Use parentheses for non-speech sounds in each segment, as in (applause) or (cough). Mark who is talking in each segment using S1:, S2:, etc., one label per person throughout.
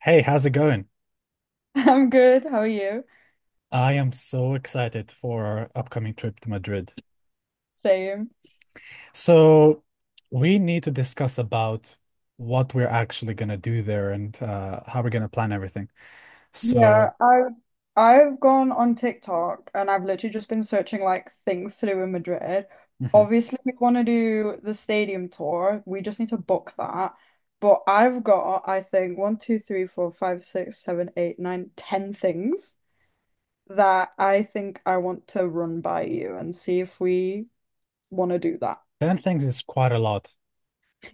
S1: Hey, how's it going?
S2: (laughs) I'm good. How are you?
S1: I am so excited for our upcoming trip to Madrid.
S2: Same.
S1: So, we need to discuss about what we're actually going to do there and how we're going to plan everything. So,
S2: Yeah, I've gone on TikTok and I've literally just been searching like things to do in Madrid.
S1: mhm.
S2: Obviously, we want to do the stadium tour. We just need to book that. But I've got, I think, one, two, three, four, five, six, seven, eight, nine, ten things that I think I want to run by you and see if we want to do that.
S1: 10 things is quite a lot.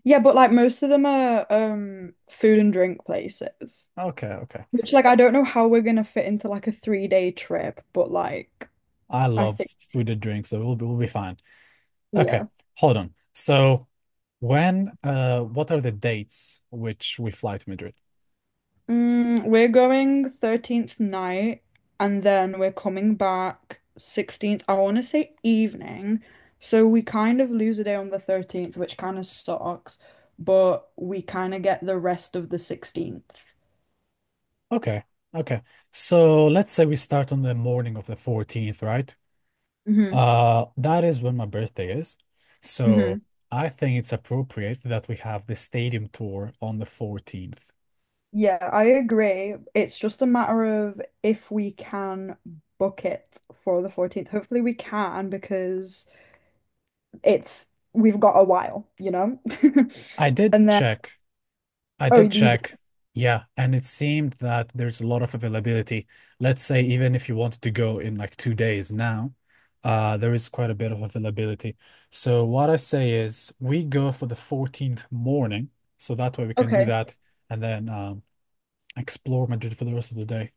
S2: Yeah, but like most of them are food and drink places.
S1: Okay, okay.
S2: Which like I don't know how we're gonna fit into like a 3-day trip, but like
S1: I
S2: I
S1: love
S2: think
S1: food and drinks, so we'll be fine. Okay,
S2: yeah.
S1: hold on. So, what are the dates which we fly to Madrid?
S2: We're going 13th night and then we're coming back 16th. I want to say evening. So we kind of lose a day on the 13th, which kind of sucks, but we kind of get the rest of the 16th.
S1: Okay, okay. So, let's say we start on the morning of the 14th, right?
S2: Hmm.
S1: That is when my birthday is. So
S2: Hmm.
S1: I think it's appropriate that we have the stadium tour on the 14th.
S2: Yeah, I agree. It's just a matter of if we can book it for the 14th. Hopefully we can because it's we've got a while, you know? (laughs)
S1: I did
S2: And then,
S1: check. I
S2: oh, you
S1: did
S2: did.
S1: check. Yeah, and it seemed that there's a lot of availability. Let's say even if you wanted to go in like 2 days now, there is quite a bit of availability. So what I say is we go for the 14th morning, so that way we can do
S2: Okay.
S1: that and then explore Madrid for the rest of the day.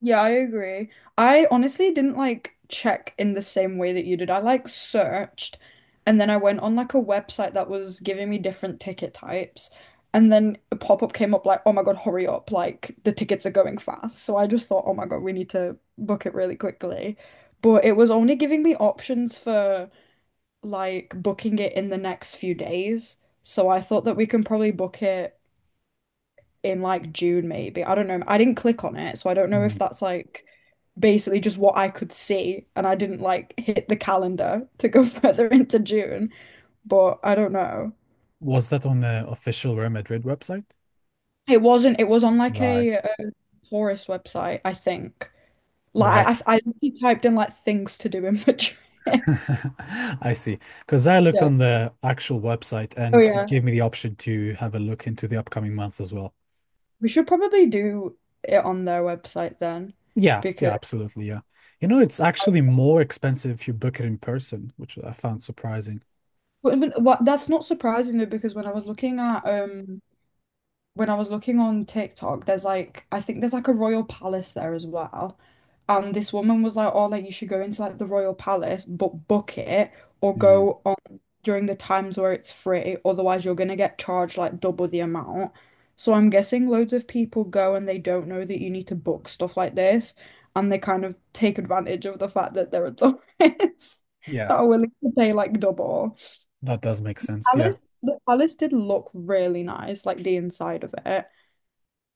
S2: Yeah, I agree. I honestly didn't like check in the same way that you did. I like searched and then I went on like a website that was giving me different ticket types. And then a pop-up came up like, oh my God, hurry up. Like the tickets are going fast. So I just thought, oh my God, we need to book it really quickly. But it was only giving me options for like booking it in the next few days. So I thought that we can probably book it in like June, maybe. I don't know. I didn't click on it, so I don't know
S1: Hmm.
S2: if that's like basically just what I could see, and I didn't like hit the calendar to go (laughs) further into June. But I don't know.
S1: Was that on the official Real Madrid website?
S2: It wasn't. It was on like a,
S1: Right,
S2: a tourist website, I think. Like I,
S1: right.
S2: I I literally typed in like things to do in Madrid. (laughs)
S1: (laughs) I see. Because I looked
S2: Yeah.
S1: on the actual website
S2: Oh
S1: and it
S2: yeah.
S1: gave me the option to have a look into the upcoming months as well.
S2: We should probably do it on their website then,
S1: Yeah,
S2: because.
S1: yeah, absolutely. Yeah. You know, it's actually more expensive if you book it in person, which I found surprising.
S2: Well, but what, that's not surprising though, because when I was looking on TikTok, there's like I think there's like a royal palace there as well. And this woman was like, oh, like you should go into like the royal palace, but book it or
S1: Mm.
S2: go on during the times where it's free, otherwise you're gonna get charged like double the amount. So I'm guessing loads of people go and they don't know that you need to book stuff like this and they kind of take advantage of the fact that there are tourists (laughs)
S1: Yeah,
S2: that are willing to pay like double
S1: that does make sense. Yeah.
S2: palace, the palace did look really nice, like the inside of it.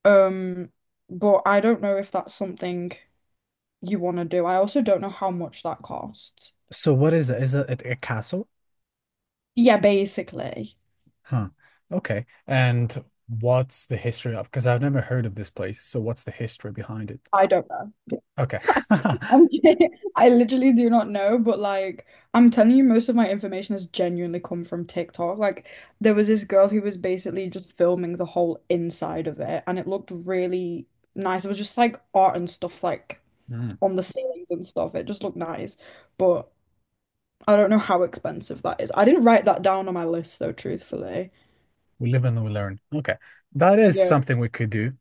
S2: Um, but I don't know if that's something you want to do. I also don't know how much that costs.
S1: So what is it? Is it a castle?
S2: Yeah, basically.
S1: Huh. Okay. And what's the history of? Because I've never heard of this place. So what's the history behind it?
S2: I don't know.
S1: Okay. (laughs)
S2: I'm kidding. (laughs) I literally do not know, but like I'm telling you, most of my information has genuinely come from TikTok. Like there was this girl who was basically just filming the whole inside of it, and it looked really nice. It was just like art and stuff like
S1: Mm.
S2: on the ceilings and stuff. It just looked nice. But I don't know how expensive that is. I didn't write that down on my list though, truthfully.
S1: We live and we learn. Okay. That is
S2: Yeah.
S1: something we could do.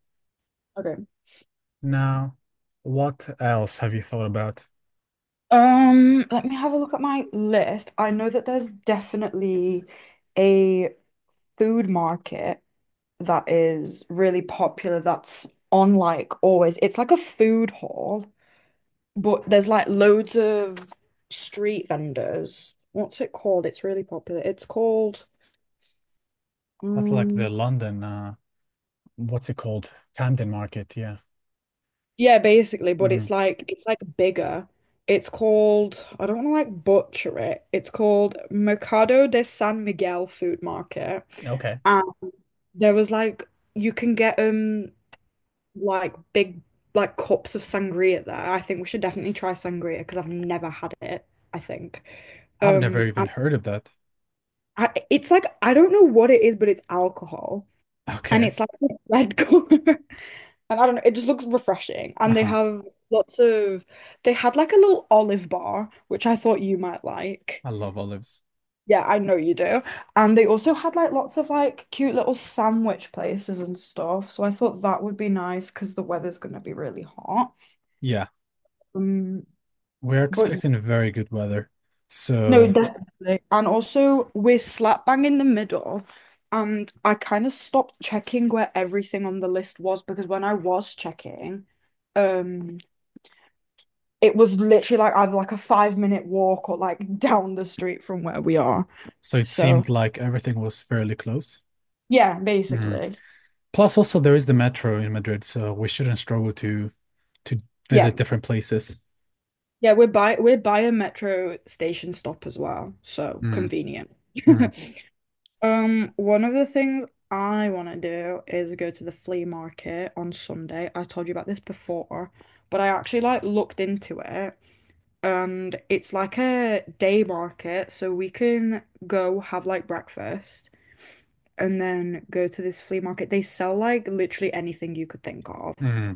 S2: Okay.
S1: Now, what else have you thought about?
S2: Let me have a look at my list. I know that there's definitely a food market that is really popular that's on like always. It's like a food hall, but there's like loads of street vendors. What's it called? It's really popular. It's called
S1: That's like the
S2: um
S1: London, what's it called? Camden Market, yeah.
S2: yeah, basically, but
S1: Mm,
S2: it's like bigger. It's called, I don't want to like butcher it. It's called Mercado de San Miguel Food Market.
S1: okay.
S2: And there was like you can get like big like cups of sangria there. I think we should definitely try sangria because I've never had it, I think.
S1: I've never
S2: Um
S1: even
S2: and
S1: heard of that. (laughs)
S2: it's like I don't know what it is, but it's alcohol and
S1: Okay.
S2: it's like a red (laughs) color. And I don't know, it just looks refreshing. And they
S1: Uh-huh.
S2: have lots of, they had like a little olive bar, which I thought you might like.
S1: I love olives.
S2: Yeah, I know you do. And they also had like lots of like cute little sandwich places and stuff. So I thought that would be nice because the weather's going to be really hot.
S1: Yeah.
S2: Um,
S1: We're
S2: but y-
S1: expecting very good weather.
S2: no,
S1: So
S2: definitely. And also, we're slap bang in the middle. And I kind of stopped checking where everything on the list was because when I was checking, um, it was literally like either like a 5-minute walk or like down the street from where we are.
S1: so it
S2: So
S1: seemed like everything was fairly close.
S2: yeah,
S1: Mm.
S2: basically.
S1: Plus also there is the metro in Madrid, so we shouldn't struggle to
S2: Yeah.
S1: visit different places.
S2: Yeah, we're by a metro station stop as well, so
S1: Mm,
S2: convenient.
S1: mm,
S2: (laughs) One of the things I want to do is go to the flea market on Sunday. I told you about this before, but I actually like looked into it and it's like a day market, so we can go have like breakfast and then go to this flea market. They sell like literally anything you could think of.
S1: mm,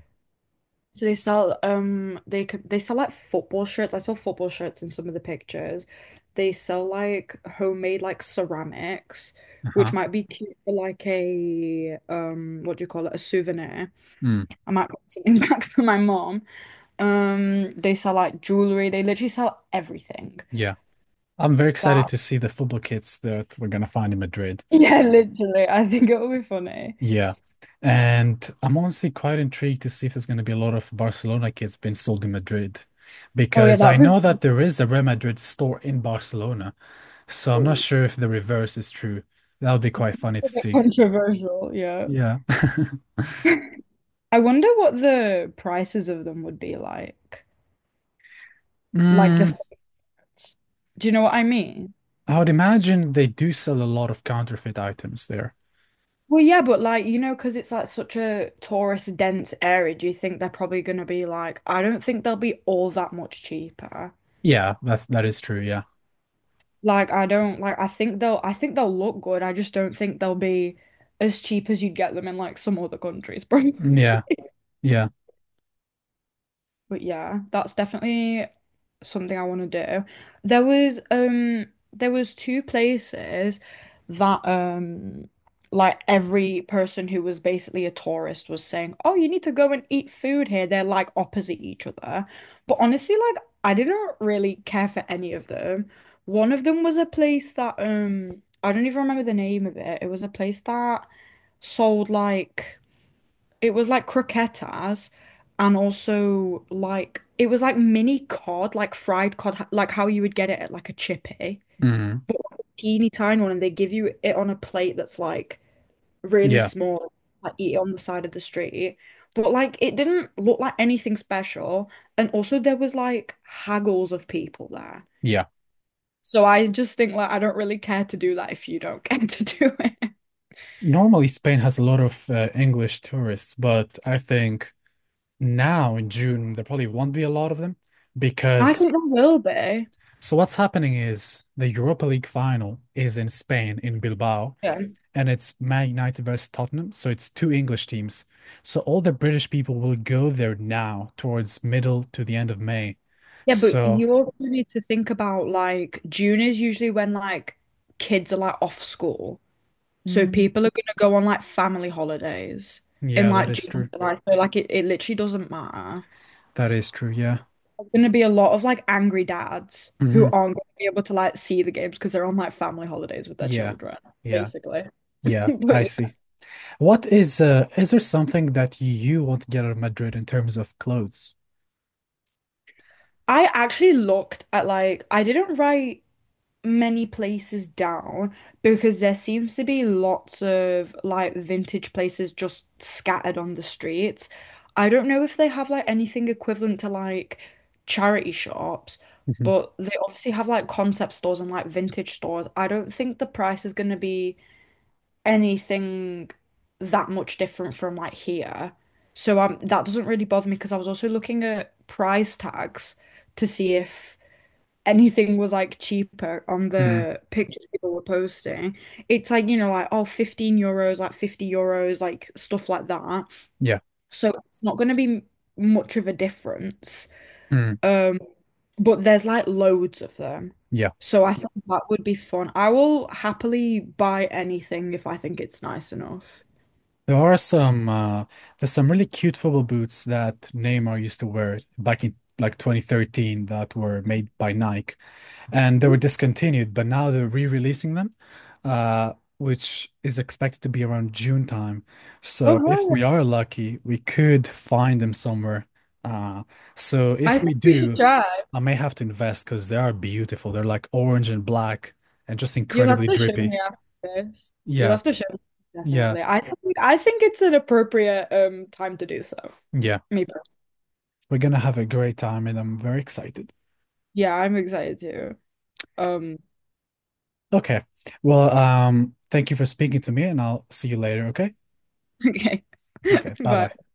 S2: So they sell like football shirts. I saw football shirts in some of the pictures. They sell like homemade like ceramics, which
S1: uh-huh.
S2: might be cute for like a what do you call it? A souvenir.
S1: Mm.
S2: I might put something (laughs) back for my mom. They sell like jewelry. They literally sell everything.
S1: Yeah. I'm very excited
S2: That
S1: to see the football kits that we're gonna find in Madrid.
S2: (laughs) yeah, literally. I think it'll be funny.
S1: Yeah. And I'm honestly quite intrigued to see if there's gonna be a lot of Barcelona kits being sold in Madrid.
S2: Oh yeah,
S1: Because I
S2: that
S1: know
S2: would
S1: that there is a Real Madrid store in Barcelona, so I'm not
S2: be
S1: sure if the reverse is true. That would be quite funny to
S2: a bit
S1: see.
S2: controversial, yeah.
S1: Yeah.
S2: I wonder what the prices of them would be like. Like
S1: Mm,
S2: the, do you know what I mean?
S1: I would imagine they do sell a lot of counterfeit items there.
S2: Well, yeah, but like, you know, because it's like such a tourist dense area, do you think they're probably going to be like, I don't think they'll be all that much cheaper.
S1: Yeah, that is true. Yeah.
S2: Like, I don't like, I think they'll look good. I just don't think they'll be as cheap as you'd get them in like some other countries, (laughs) bro.
S1: Mm, yeah. Yeah.
S2: But yeah, that's definitely something I want to do. There was um there was two places that like every person who was basically a tourist was saying, "Oh, you need to go and eat food here." They're like opposite each other. But honestly, like I didn't really care for any of them. One of them was a place that I don't even remember the name of it. It was a place that sold like it was like croquetas and also like it was like mini cod, like fried cod, like how you would get it at like a chippy.
S1: Mm,
S2: Teeny tiny one, and they give you it on a plate that's like really
S1: yeah.
S2: small, like eat it on the side of the street. But like it didn't look like anything special. And also there was like haggles of people there.
S1: Yeah.
S2: So I just think like I don't really care to do that if you don't (laughs) care to do it.
S1: Normally, Spain has a lot of English tourists, but I think now in June there probably won't be a lot of them
S2: I
S1: because
S2: think there will be.
S1: what's happening is the Europa League final is in Spain in Bilbao
S2: Yeah.
S1: and it's Man United versus Tottenham, so it's two English teams. So all the British people will go there now towards middle to the end of May.
S2: Yeah, but
S1: So
S2: you also need to think about like June is usually when like kids are like off school. So
S1: mm,
S2: people are gonna go on like family holidays in
S1: yeah, that
S2: like
S1: is
S2: June
S1: true.
S2: and July. So like it literally doesn't matter.
S1: That is true. Yeah.
S2: There's gonna be a lot of like angry dads who
S1: Hmm.
S2: aren't gonna be able to like see the games because they're on like family holidays with their
S1: Yeah.
S2: children,
S1: Yeah.
S2: basically. (laughs)
S1: Yeah.
S2: But
S1: I
S2: yeah.
S1: see. What is there something that you want to get out of Madrid in terms of clothes?
S2: I actually looked at like I didn't write many places down because there seems to be lots of like vintage places just scattered on the streets. I don't know if they have like anything equivalent to like charity shops,
S1: Mhm.
S2: but they obviously have like concept stores and like vintage stores. I don't think the price is going to be anything that much different from like here. So that doesn't really bother me because I was also looking at price tags to see if anything was like cheaper on
S1: Mm,
S2: the pictures people were posting. It's like, you know, like, oh, €15, like 50 euros, like stuff like that.
S1: yeah.
S2: So it's not going to be much of a difference.
S1: Mm,
S2: Um, but there's like loads of them.
S1: yeah.
S2: So I think that would be fun. I will happily buy anything if I think it's nice enough.
S1: There are some there's some really cute football boots that Neymar used to wear back in like 2013 that were made by Nike. And they were
S2: Ooh.
S1: discontinued, but now they're re-releasing them, uh, which is expected to be around June time. So
S2: Oh,
S1: if
S2: yeah.
S1: we are lucky, we could find them somewhere. Uh, so
S2: I
S1: if we
S2: think we should
S1: do,
S2: try.
S1: I may have to invest because they are beautiful. They're like orange and black and just
S2: You'll have
S1: incredibly
S2: to show
S1: drippy.
S2: me after this. You'll
S1: Yeah,
S2: have to show me,
S1: yeah,
S2: definitely. I think it's an appropriate time to do so.
S1: yeah.
S2: Me, per-
S1: We're gonna have a great time, and I'm very excited.
S2: yeah, I'm excited too. Um,
S1: Okay. Well, thank you for speaking to me, and I'll see you later, okay?
S2: (laughs) okay,
S1: Okay,
S2: (laughs)
S1: bye bye.
S2: bye.